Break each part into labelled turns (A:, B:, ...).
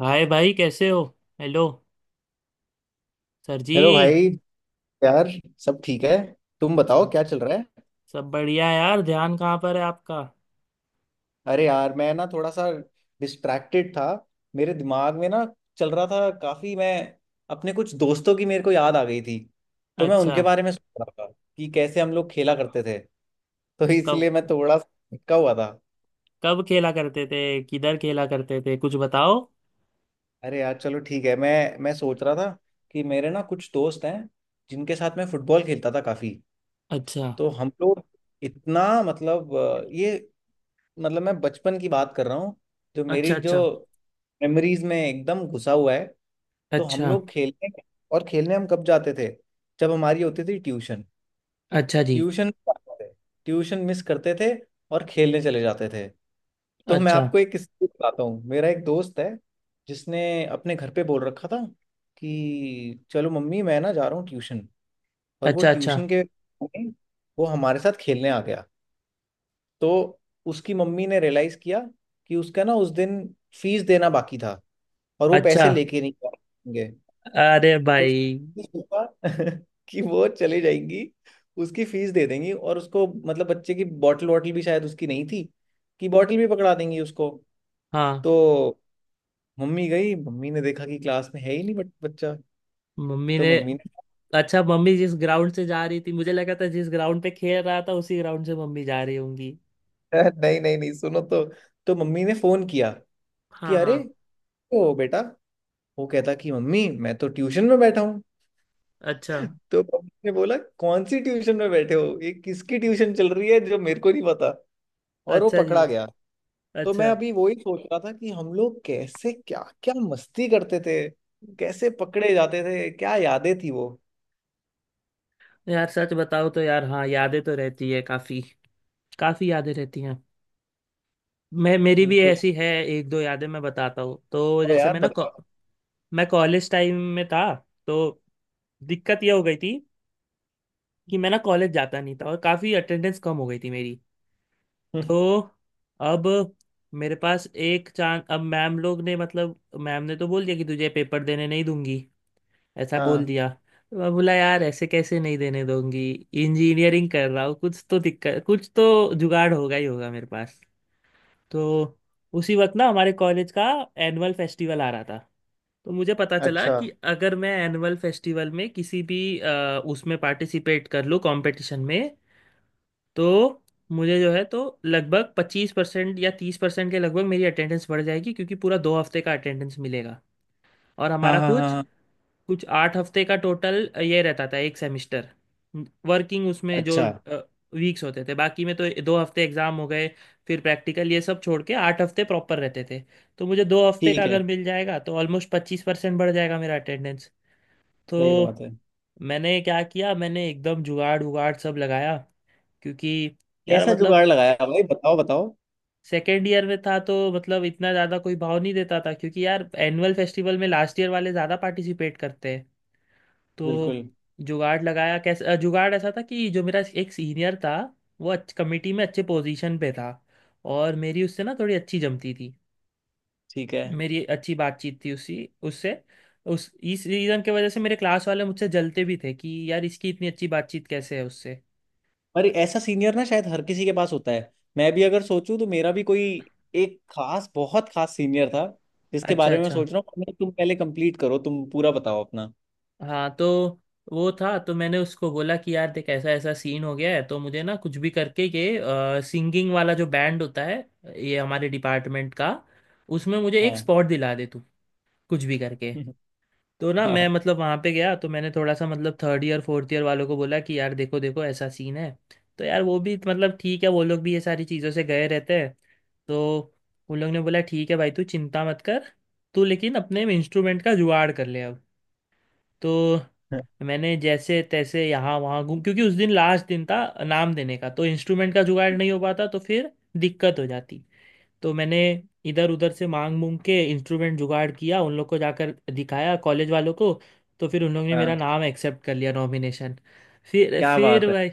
A: हाय भाई, कैसे हो। हेलो। सर जी।
B: हेलो भाई। यार सब ठीक है। तुम बताओ
A: सब
B: क्या चल रहा है।
A: सब बढ़िया यार। ध्यान कहाँ पर है आपका?
B: अरे यार मैं ना थोड़ा सा डिस्ट्रैक्टेड था। मेरे दिमाग में ना चल रहा था काफी। मैं अपने कुछ दोस्तों की मेरे को याद आ गई थी तो मैं
A: अच्छा।
B: उनके बारे में सोच रहा था कि कैसे हम लोग खेला करते थे तो
A: कब
B: इसलिए मैं थोड़ा सा अटका हुआ था।
A: कब खेला करते थे, किधर खेला करते थे, कुछ बताओ।
B: अरे यार चलो ठीक है। मैं सोच रहा था कि मेरे ना कुछ दोस्त हैं जिनके साथ मैं फुटबॉल खेलता था काफी।
A: अच्छा।
B: तो हम लोग इतना मतलब ये मतलब मैं बचपन की बात कर रहा हूँ, जो
A: अच्छा।
B: मेरी जो
A: अच्छा।
B: मेमोरीज में एकदम घुसा हुआ है। तो हम
A: अच्छा।
B: लोग खेलने और खेलने हम कब जाते थे। जब हमारी होती थी ट्यूशन।
A: अच्छा जी।
B: ट्यूशन ट्यूशन मिस करते थे और खेलने चले जाते थे। तो मैं
A: अच्छा।
B: आपको एक किस्सा बताता हूँ। मेरा एक दोस्त है जिसने अपने घर पे बोल रखा था कि चलो मम्मी मैं ना जा रहा हूँ ट्यूशन। और वो
A: अच्छा। अच्छा।
B: ट्यूशन के वो हमारे साथ खेलने आ गया। तो उसकी मम्मी ने रियलाइज किया कि उसका ना उस दिन फीस देना बाकी था और वो
A: अच्छा।
B: पैसे लेके नहीं जाएंगे।
A: अरे
B: तो
A: भाई।
B: उसने सोचा कि वो चली जाएंगी, उसकी फीस दे देंगी, और उसको मतलब बच्चे की बॉटल वॉटल भी शायद उसकी नहीं थी कि बॉटल भी पकड़ा देंगी उसको।
A: हाँ,
B: तो मम्मी गई। मम्मी ने देखा कि क्लास में है ही नहीं बट बच्चा।
A: मम्मी
B: तो
A: ने।
B: मम्मी ने
A: अच्छा, मम्मी जिस ग्राउंड से जा रही थी मुझे लगा था जिस ग्राउंड पे खेल रहा था उसी ग्राउंड से मम्मी जा रही होंगी।
B: नहीं नहीं नहीं, सुनो। तो मम्मी ने फोन किया कि
A: हाँ हाँ।
B: अरे ओ बेटा। वो कहता कि मम्मी मैं तो ट्यूशन में बैठा हूँ।
A: अच्छा।
B: तो पब्लिक ने बोला कौन सी ट्यूशन में बैठे हो, ये किसकी ट्यूशन चल रही है जो मेरे को नहीं पता। और वो
A: अच्छा जी।
B: पकड़ा गया। तो मैं
A: अच्छा।
B: अभी वही सोच रहा था कि हम लोग कैसे क्या क्या मस्ती करते थे, कैसे पकड़े जाते थे, क्या यादें थी वो।
A: यार सच बताओ तो यार, हाँ, यादें तो रहती है काफी। काफी यादें रहती हैं। मैं मेरी भी
B: बिल्कुल।
A: ऐसी है, एक दो यादें मैं बताता हूँ। तो
B: ओ
A: जैसे
B: यार बताओ।
A: मैं कॉलेज टाइम में था। तो दिक्कत यह हो गई थी कि मैं ना कॉलेज जाता नहीं था और काफी अटेंडेंस कम हो गई थी मेरी।
B: हम्म।
A: तो अब मेरे पास एक चांस, अब मैम लोग ने मतलब मैम ने तो बोल दिया कि तुझे पेपर देने नहीं दूंगी, ऐसा बोल
B: हाँ।
A: दिया। मैं बोला यार ऐसे कैसे नहीं देने दूंगी, इंजीनियरिंग कर रहा हूँ, कुछ तो दिक्कत, कुछ तो जुगाड़ होगा ही होगा मेरे पास। तो उसी वक्त ना हमारे कॉलेज का एनुअल फेस्टिवल आ रहा था। तो मुझे पता चला
B: अच्छा।
A: कि अगर मैं एनुअल फेस्टिवल में उसमें पार्टिसिपेट कर लूँ कंपटीशन में, तो मुझे जो है तो लगभग 25% या 30% के लगभग मेरी अटेंडेंस बढ़ जाएगी क्योंकि पूरा दो हफ्ते का अटेंडेंस मिलेगा। और
B: हाँ
A: हमारा
B: हाँ हाँ
A: कुछ
B: हाँ।
A: कुछ 8 हफ्ते का टोटल ये रहता था एक सेमेस्टर। वर्किंग उसमें जो
B: अच्छा।
A: वीक्स होते थे बाकी में, तो 2 हफ्ते एग्जाम हो गए, फिर प्रैक्टिकल ये सब छोड़ के 8 हफ्ते प्रॉपर रहते थे। तो मुझे 2 हफ्ते का
B: ठीक
A: अगर
B: है।
A: मिल जाएगा तो ऑलमोस्ट 25% बढ़ जाएगा मेरा अटेंडेंस। तो
B: सही बात है।
A: मैंने क्या किया, मैंने एकदम जुगाड़ उगाड़ सब लगाया। क्योंकि यार
B: कैसा जुगाड़
A: मतलब
B: लगाया भाई, बताओ बताओ।
A: सेकेंड ईयर में था तो मतलब इतना ज़्यादा कोई भाव नहीं देता था क्योंकि यार एनुअल फेस्टिवल में लास्ट ईयर वाले ज़्यादा पार्टिसिपेट करते हैं। तो
B: बिल्कुल।
A: जुगाड़ लगाया कैसे, जुगाड़ ऐसा था कि जो मेरा एक सीनियर था, कमेटी में अच्छे पोजीशन पे था और मेरी उससे ना थोड़ी अच्छी जमती थी।
B: ठीक है।
A: मेरी अच्छी बातचीत थी उसी उससे। उस इस रीज़न की वजह से मेरे क्लास वाले मुझसे जलते भी थे कि यार इसकी इतनी अच्छी बातचीत कैसे है उससे।
B: पर ऐसा सीनियर ना शायद हर किसी के पास होता है। मैं भी अगर सोचूं तो मेरा भी कोई एक खास, बहुत खास सीनियर था जिसके
A: अच्छा
B: बारे में मैं
A: अच्छा।
B: सोच रहा हूँ। नहीं, तुम पहले कंप्लीट करो, तुम पूरा बताओ अपना।
A: हाँ तो वो था तो मैंने उसको बोला कि यार देख ऐसा ऐसा सीन हो गया है, तो मुझे ना कुछ भी करके ये सिंगिंग वाला जो बैंड होता है ये हमारे डिपार्टमेंट का, उसमें मुझे एक
B: हाँ।
A: स्पॉट दिला दे तू, कुछ भी करके। तो ना मैं
B: हाँ
A: मतलब वहां पे गया तो मैंने थोड़ा सा मतलब थर्ड ईयर फोर्थ ईयर वालों को बोला कि यार देखो देखो ऐसा सीन है। तो यार वो भी मतलब ठीक है, वो लोग भी ये सारी चीज़ों से गए रहते हैं। तो उन लोग ने बोला ठीक है भाई, तू चिंता मत कर, तू लेकिन अपने इंस्ट्रूमेंट का जुगाड़ कर ले अब। तो मैंने जैसे तैसे यहाँ वहाँ घूम, क्योंकि उस दिन लास्ट दिन था नाम देने का, तो इंस्ट्रूमेंट का जुगाड़ नहीं हो पाता तो फिर दिक्कत हो जाती। तो मैंने इधर उधर से मांग मूंग के इंस्ट्रूमेंट जुगाड़ किया, उन लोग को जाकर दिखाया कॉलेज वालों को। तो फिर उन लोग ने मेरा
B: हाँ।
A: नाम एक्सेप्ट कर लिया नॉमिनेशन। फिर
B: क्या बात
A: फिर भाई,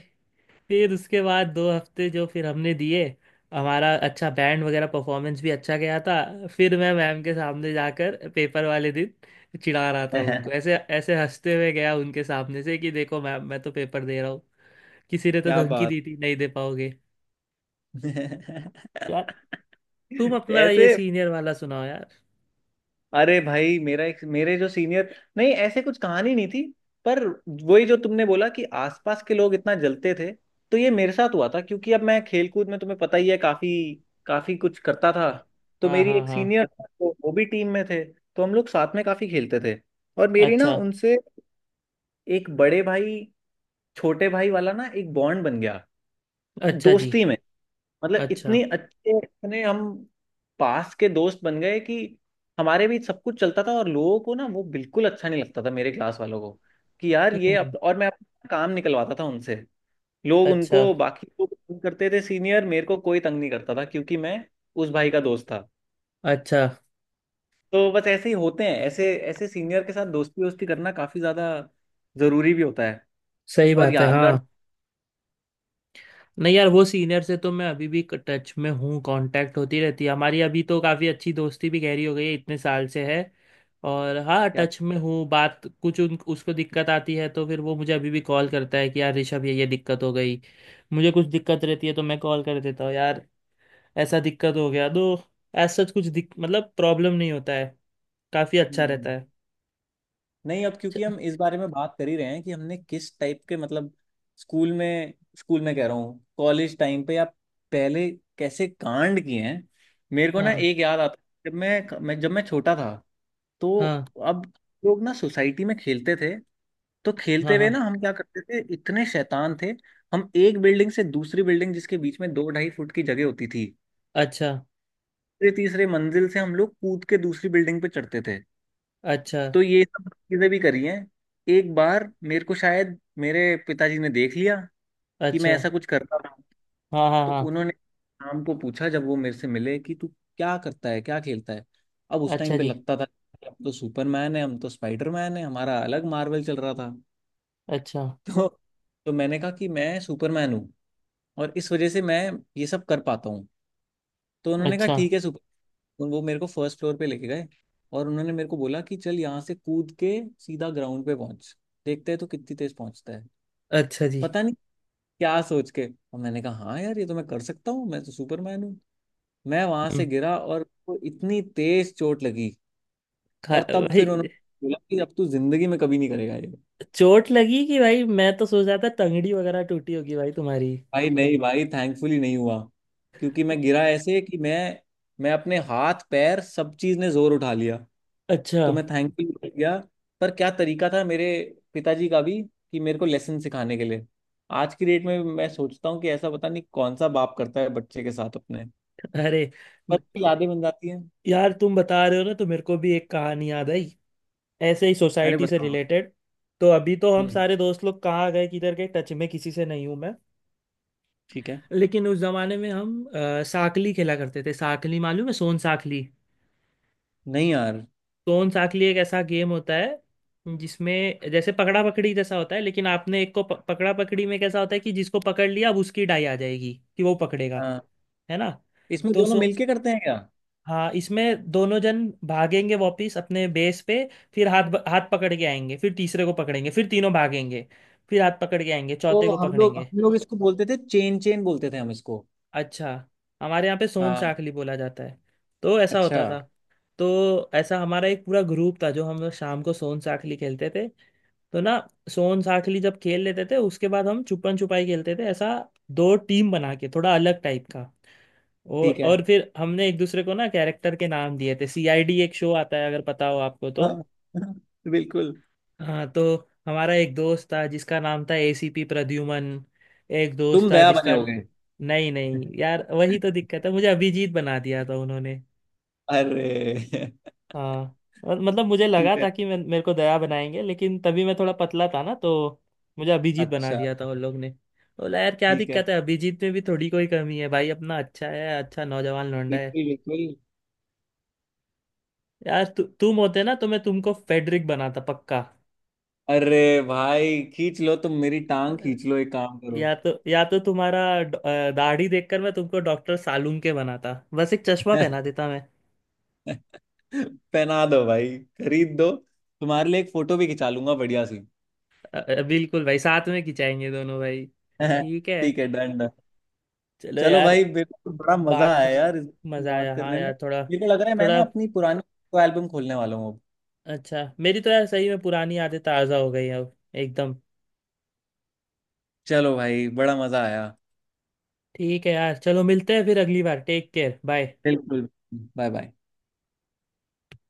A: फिर उसके बाद 2 हफ्ते जो फिर हमने दिए, हमारा अच्छा बैंड वगैरह परफॉर्मेंस भी अच्छा गया था। फिर मैं मैम के सामने जाकर पेपर वाले दिन चिढ़ा रहा था
B: है।
A: उनको, ऐसे ऐसे हंसते हुए गया उनके सामने से कि देखो मैम मैं तो पेपर दे रहा हूँ, किसी ने तो
B: क्या
A: धमकी
B: बात।
A: दी थी नहीं दे पाओगे। यार तुम अपना ये
B: ऐसे,
A: सीनियर वाला सुनाओ यार।
B: अरे भाई मेरा एक मेरे जो सीनियर, नहीं ऐसे कुछ कहानी नहीं थी। पर वही जो तुमने बोला कि आसपास के लोग इतना जलते थे, तो ये मेरे साथ हुआ था क्योंकि अब मैं खेलकूद में तुम्हें पता ही है काफी। काफी कुछ करता था। तो
A: हाँ
B: मेरी
A: हाँ
B: एक
A: हाँ।
B: सीनियर था तो वो भी टीम में थे तो हम लोग साथ में काफी खेलते थे। और मेरी ना
A: अच्छा।
B: उनसे एक बड़े भाई छोटे भाई वाला ना एक बॉन्ड बन गया
A: अच्छा जी।
B: दोस्ती में। मतलब इतने
A: अच्छा।
B: अच्छे, इतने हम पास के दोस्त बन गए कि हमारे बीच सब कुछ चलता था, और लोगों को ना वो बिल्कुल अच्छा नहीं लगता था, मेरे क्लास वालों को कि यार ये
A: हम्म।
B: और मैं अपना काम निकलवाता था उनसे। लोग
A: अच्छा
B: उनको बाकी लोग तंग करते थे सीनियर। मेरे को कोई तंग नहीं करता था क्योंकि मैं उस भाई का दोस्त था।
A: अच्छा।
B: तो बस ऐसे ही होते हैं, ऐसे ऐसे सीनियर के साथ दोस्ती वोस्ती करना काफी ज्यादा जरूरी भी होता है,
A: सही
B: और
A: बात है, हाँ।
B: यादगार।
A: नहीं यार, वो सीनियर से तो मैं अभी भी टच में हूँ, कांटेक्ट होती रहती है हमारी, अभी तो काफ़ी अच्छी दोस्ती भी गहरी हो गई है इतने साल से है। और हाँ टच में हूँ, बात कुछ उन उसको दिक्कत आती है तो फिर वो मुझे अभी भी कॉल करता है कि यार ऋषभ ये दिक्कत हो गई। मुझे कुछ दिक्कत रहती है तो मैं कॉल कर देता हूँ यार। ऐसा दिक्कत हो गया तो ऐसा कुछ दिक मतलब प्रॉब्लम नहीं होता है। काफ़ी अच्छा रहता
B: हम्म।
A: है।
B: नहीं, अब क्योंकि
A: अच्छा,
B: हम इस बारे में बात कर ही रहे हैं कि हमने किस टाइप के मतलब स्कूल में, स्कूल में कह रहा हूँ कॉलेज टाइम पे या पहले कैसे कांड किए हैं। मेरे को ना
A: हाँ
B: एक याद आता है, जब मैं छोटा था तो
A: हाँ
B: अब लोग ना सोसाइटी में खेलते थे। तो
A: हाँ
B: खेलते हुए
A: हाँ।
B: ना हम क्या करते थे, इतने शैतान थे। हम एक बिल्डिंग से दूसरी बिल्डिंग, जिसके बीच में दो ढाई फुट की जगह होती थी,
A: अच्छा।
B: तीसरे तीसरे मंजिल से हम लोग कूद के दूसरी बिल्डिंग पे चढ़ते थे।
A: अच्छा।
B: तो ये सब चीजें भी करी हैं। एक बार मेरे को शायद मेरे पिताजी ने देख लिया कि मैं
A: अच्छा।
B: ऐसा कुछ करता था।
A: हाँ हाँ
B: तो
A: हाँ।
B: उन्होंने शाम को पूछा जब वो मेरे से मिले कि तू क्या करता है क्या खेलता है। अब उस टाइम
A: अच्छा
B: पे
A: जी।
B: लगता था कि हम तो सुपरमैन है, हम तो स्पाइडरमैन है, हमारा अलग मार्वल चल रहा था
A: अच्छा।
B: तो तो मैंने कहा कि मैं सुपरमैन हूँ और इस वजह से मैं ये सब कर पाता हूँ। तो उन्होंने कहा
A: अच्छा।
B: ठीक है सुपर। उन वो मेरे को फर्स्ट फ्लोर पे लेके गए और उन्होंने मेरे को बोला कि चल यहाँ से कूद के सीधा ग्राउंड पे पहुंच, देखते हैं तो कितनी तेज पहुंचता है।
A: अच्छा जी।
B: पता नहीं क्या सोच के और मैंने कहा हाँ यार ये तो मैं कर सकता हूँ, मैं तो सुपरमैन हूँ। मैं वहां से
A: हम्म।
B: गिरा और वो इतनी तेज चोट लगी।
A: खा
B: और तब फिर उन्होंने
A: भाई।
B: बोला कि अब तू जिंदगी में कभी नहीं करेगा ये।
A: चोट लगी कि भाई, मैं तो सोच रहा था टंगड़ी वगैरह टूटी होगी भाई तुम्हारी।
B: भाई नहीं, भाई थैंकफुली नहीं हुआ क्योंकि मैं गिरा ऐसे कि मैं अपने हाथ पैर सब चीज ने जोर उठा लिया।
A: अच्छा।
B: तो मैं थैंकफुली बच गया। पर क्या तरीका था मेरे पिताजी का भी कि मेरे को लेसन सिखाने के लिए। आज की डेट में मैं सोचता हूँ कि ऐसा पता नहीं कौन सा बाप करता है बच्चे के साथ अपने।
A: अरे।
B: पर
A: न-
B: भी यादें बन जाती हैं।
A: यार तुम बता रहे हो ना तो मेरे को भी एक कहानी याद आई, ऐसे ही
B: अरे
A: सोसाइटी से
B: बताओ।
A: रिलेटेड। तो अभी तो हम
B: हम्म।
A: सारे दोस्त लोग कहाँ गए किधर गए, टच में किसी से नहीं हूँ मैं।
B: ठीक है।
A: लेकिन उस जमाने में हम साकली खेला करते थे। साकली मालूम है, सोन साखली?
B: नहीं यार।
A: सोन साखली एक ऐसा गेम होता है जिसमें जैसे पकड़ा पकड़ी जैसा होता है, लेकिन आपने एक को पकड़ा पकड़ी में कैसा होता है कि जिसको पकड़ लिया अब उसकी डाई आ जाएगी कि वो पकड़ेगा,
B: हाँ।
A: है ना।
B: इसमें
A: तो
B: दोनों
A: सो
B: मिलके करते हैं क्या।
A: हाँ, इसमें दोनों जन भागेंगे वापिस अपने बेस पे, फिर हाथ हाथ पकड़ के आएंगे फिर तीसरे को पकड़ेंगे, फिर तीनों भागेंगे, फिर हाथ पकड़ के आएंगे चौथे
B: तो
A: को पकड़ेंगे।
B: हम लोग इसको बोलते थे, चेन चेन बोलते थे हम इसको।
A: अच्छा। हमारे यहाँ पे सोन
B: हाँ।
A: साखली बोला जाता है। तो ऐसा
B: अच्छा।
A: होता था। तो ऐसा हमारा एक पूरा ग्रुप था जो हम लोग शाम को सोन साखली खेलते थे। तो ना सोन साखली जब खेल लेते थे उसके बाद हम छुपन छुपाई खेलते थे, ऐसा 2 टीम बना के थोड़ा अलग टाइप का। और
B: ठीक है।
A: और फिर हमने एक दूसरे को ना कैरेक्टर के नाम दिए थे, सीआईडी एक शो आता है अगर पता हो आपको तो।
B: हाँ। बिल्कुल।
A: हाँ तो हमारा एक दोस्त था जिसका नाम था एसीपी प्रद्युमन, एक दोस्त
B: तुम
A: था
B: दया बने
A: जिसका।
B: होगे।
A: नहीं नहीं यार, वही तो दिक्कत है, मुझे अभिजीत बना दिया था उन्होंने।
B: अरे।
A: हाँ। और मतलब मुझे लगा
B: ठीक है।
A: था कि मैं मेरे को दया बनाएंगे, लेकिन तभी मैं थोड़ा पतला था ना तो मुझे अभिजीत बना
B: अच्छा।
A: दिया था उन लोग ने। बोला यार क्या
B: ठीक है।
A: दिक्कत है अभिजीत में भी, थोड़ी कोई कमी है भाई? अपना अच्छा है, अच्छा नौजवान लौंडा है।
B: बिल्कुल बिल्कुल।
A: यार तुम होते ना तो मैं तुमको फेडरिक बनाता पक्का।
B: अरे भाई खींच लो, तुम मेरी टांग खींच लो, एक काम करो।
A: या तो दाढ़ी देखकर मैं तुमको डॉक्टर सालूम के बनाता, बस एक चश्मा पहना देता मैं।
B: पहना दो भाई, खरीद दो। तुम्हारे लिए एक फोटो भी खिंचा लूंगा बढ़िया सी।
A: बिल्कुल भाई, साथ में खिंचाएंगे दोनों भाई। ठीक है,
B: ठीक है, डन डन।
A: चलो
B: चलो
A: यार।
B: भाई मेरे को बड़ा मजा
A: बात
B: आया
A: कर।
B: यार इस
A: मजा
B: बात
A: आया, हाँ
B: करने में।
A: यार, थोड़ा
B: मेरे को लग रहा है मैं
A: थोड़ा
B: ना अपनी पुरानी एल्बम खोलने वाला हूँ अब।
A: अच्छा। मेरी तो यार सही में पुरानी यादें ताज़ा हो गई हैं अब, एकदम।
B: चलो भाई बड़ा मजा आया।
A: ठीक है यार, चलो मिलते हैं फिर अगली बार। Take care. बाय।
B: बिल्कुल। Bye bye.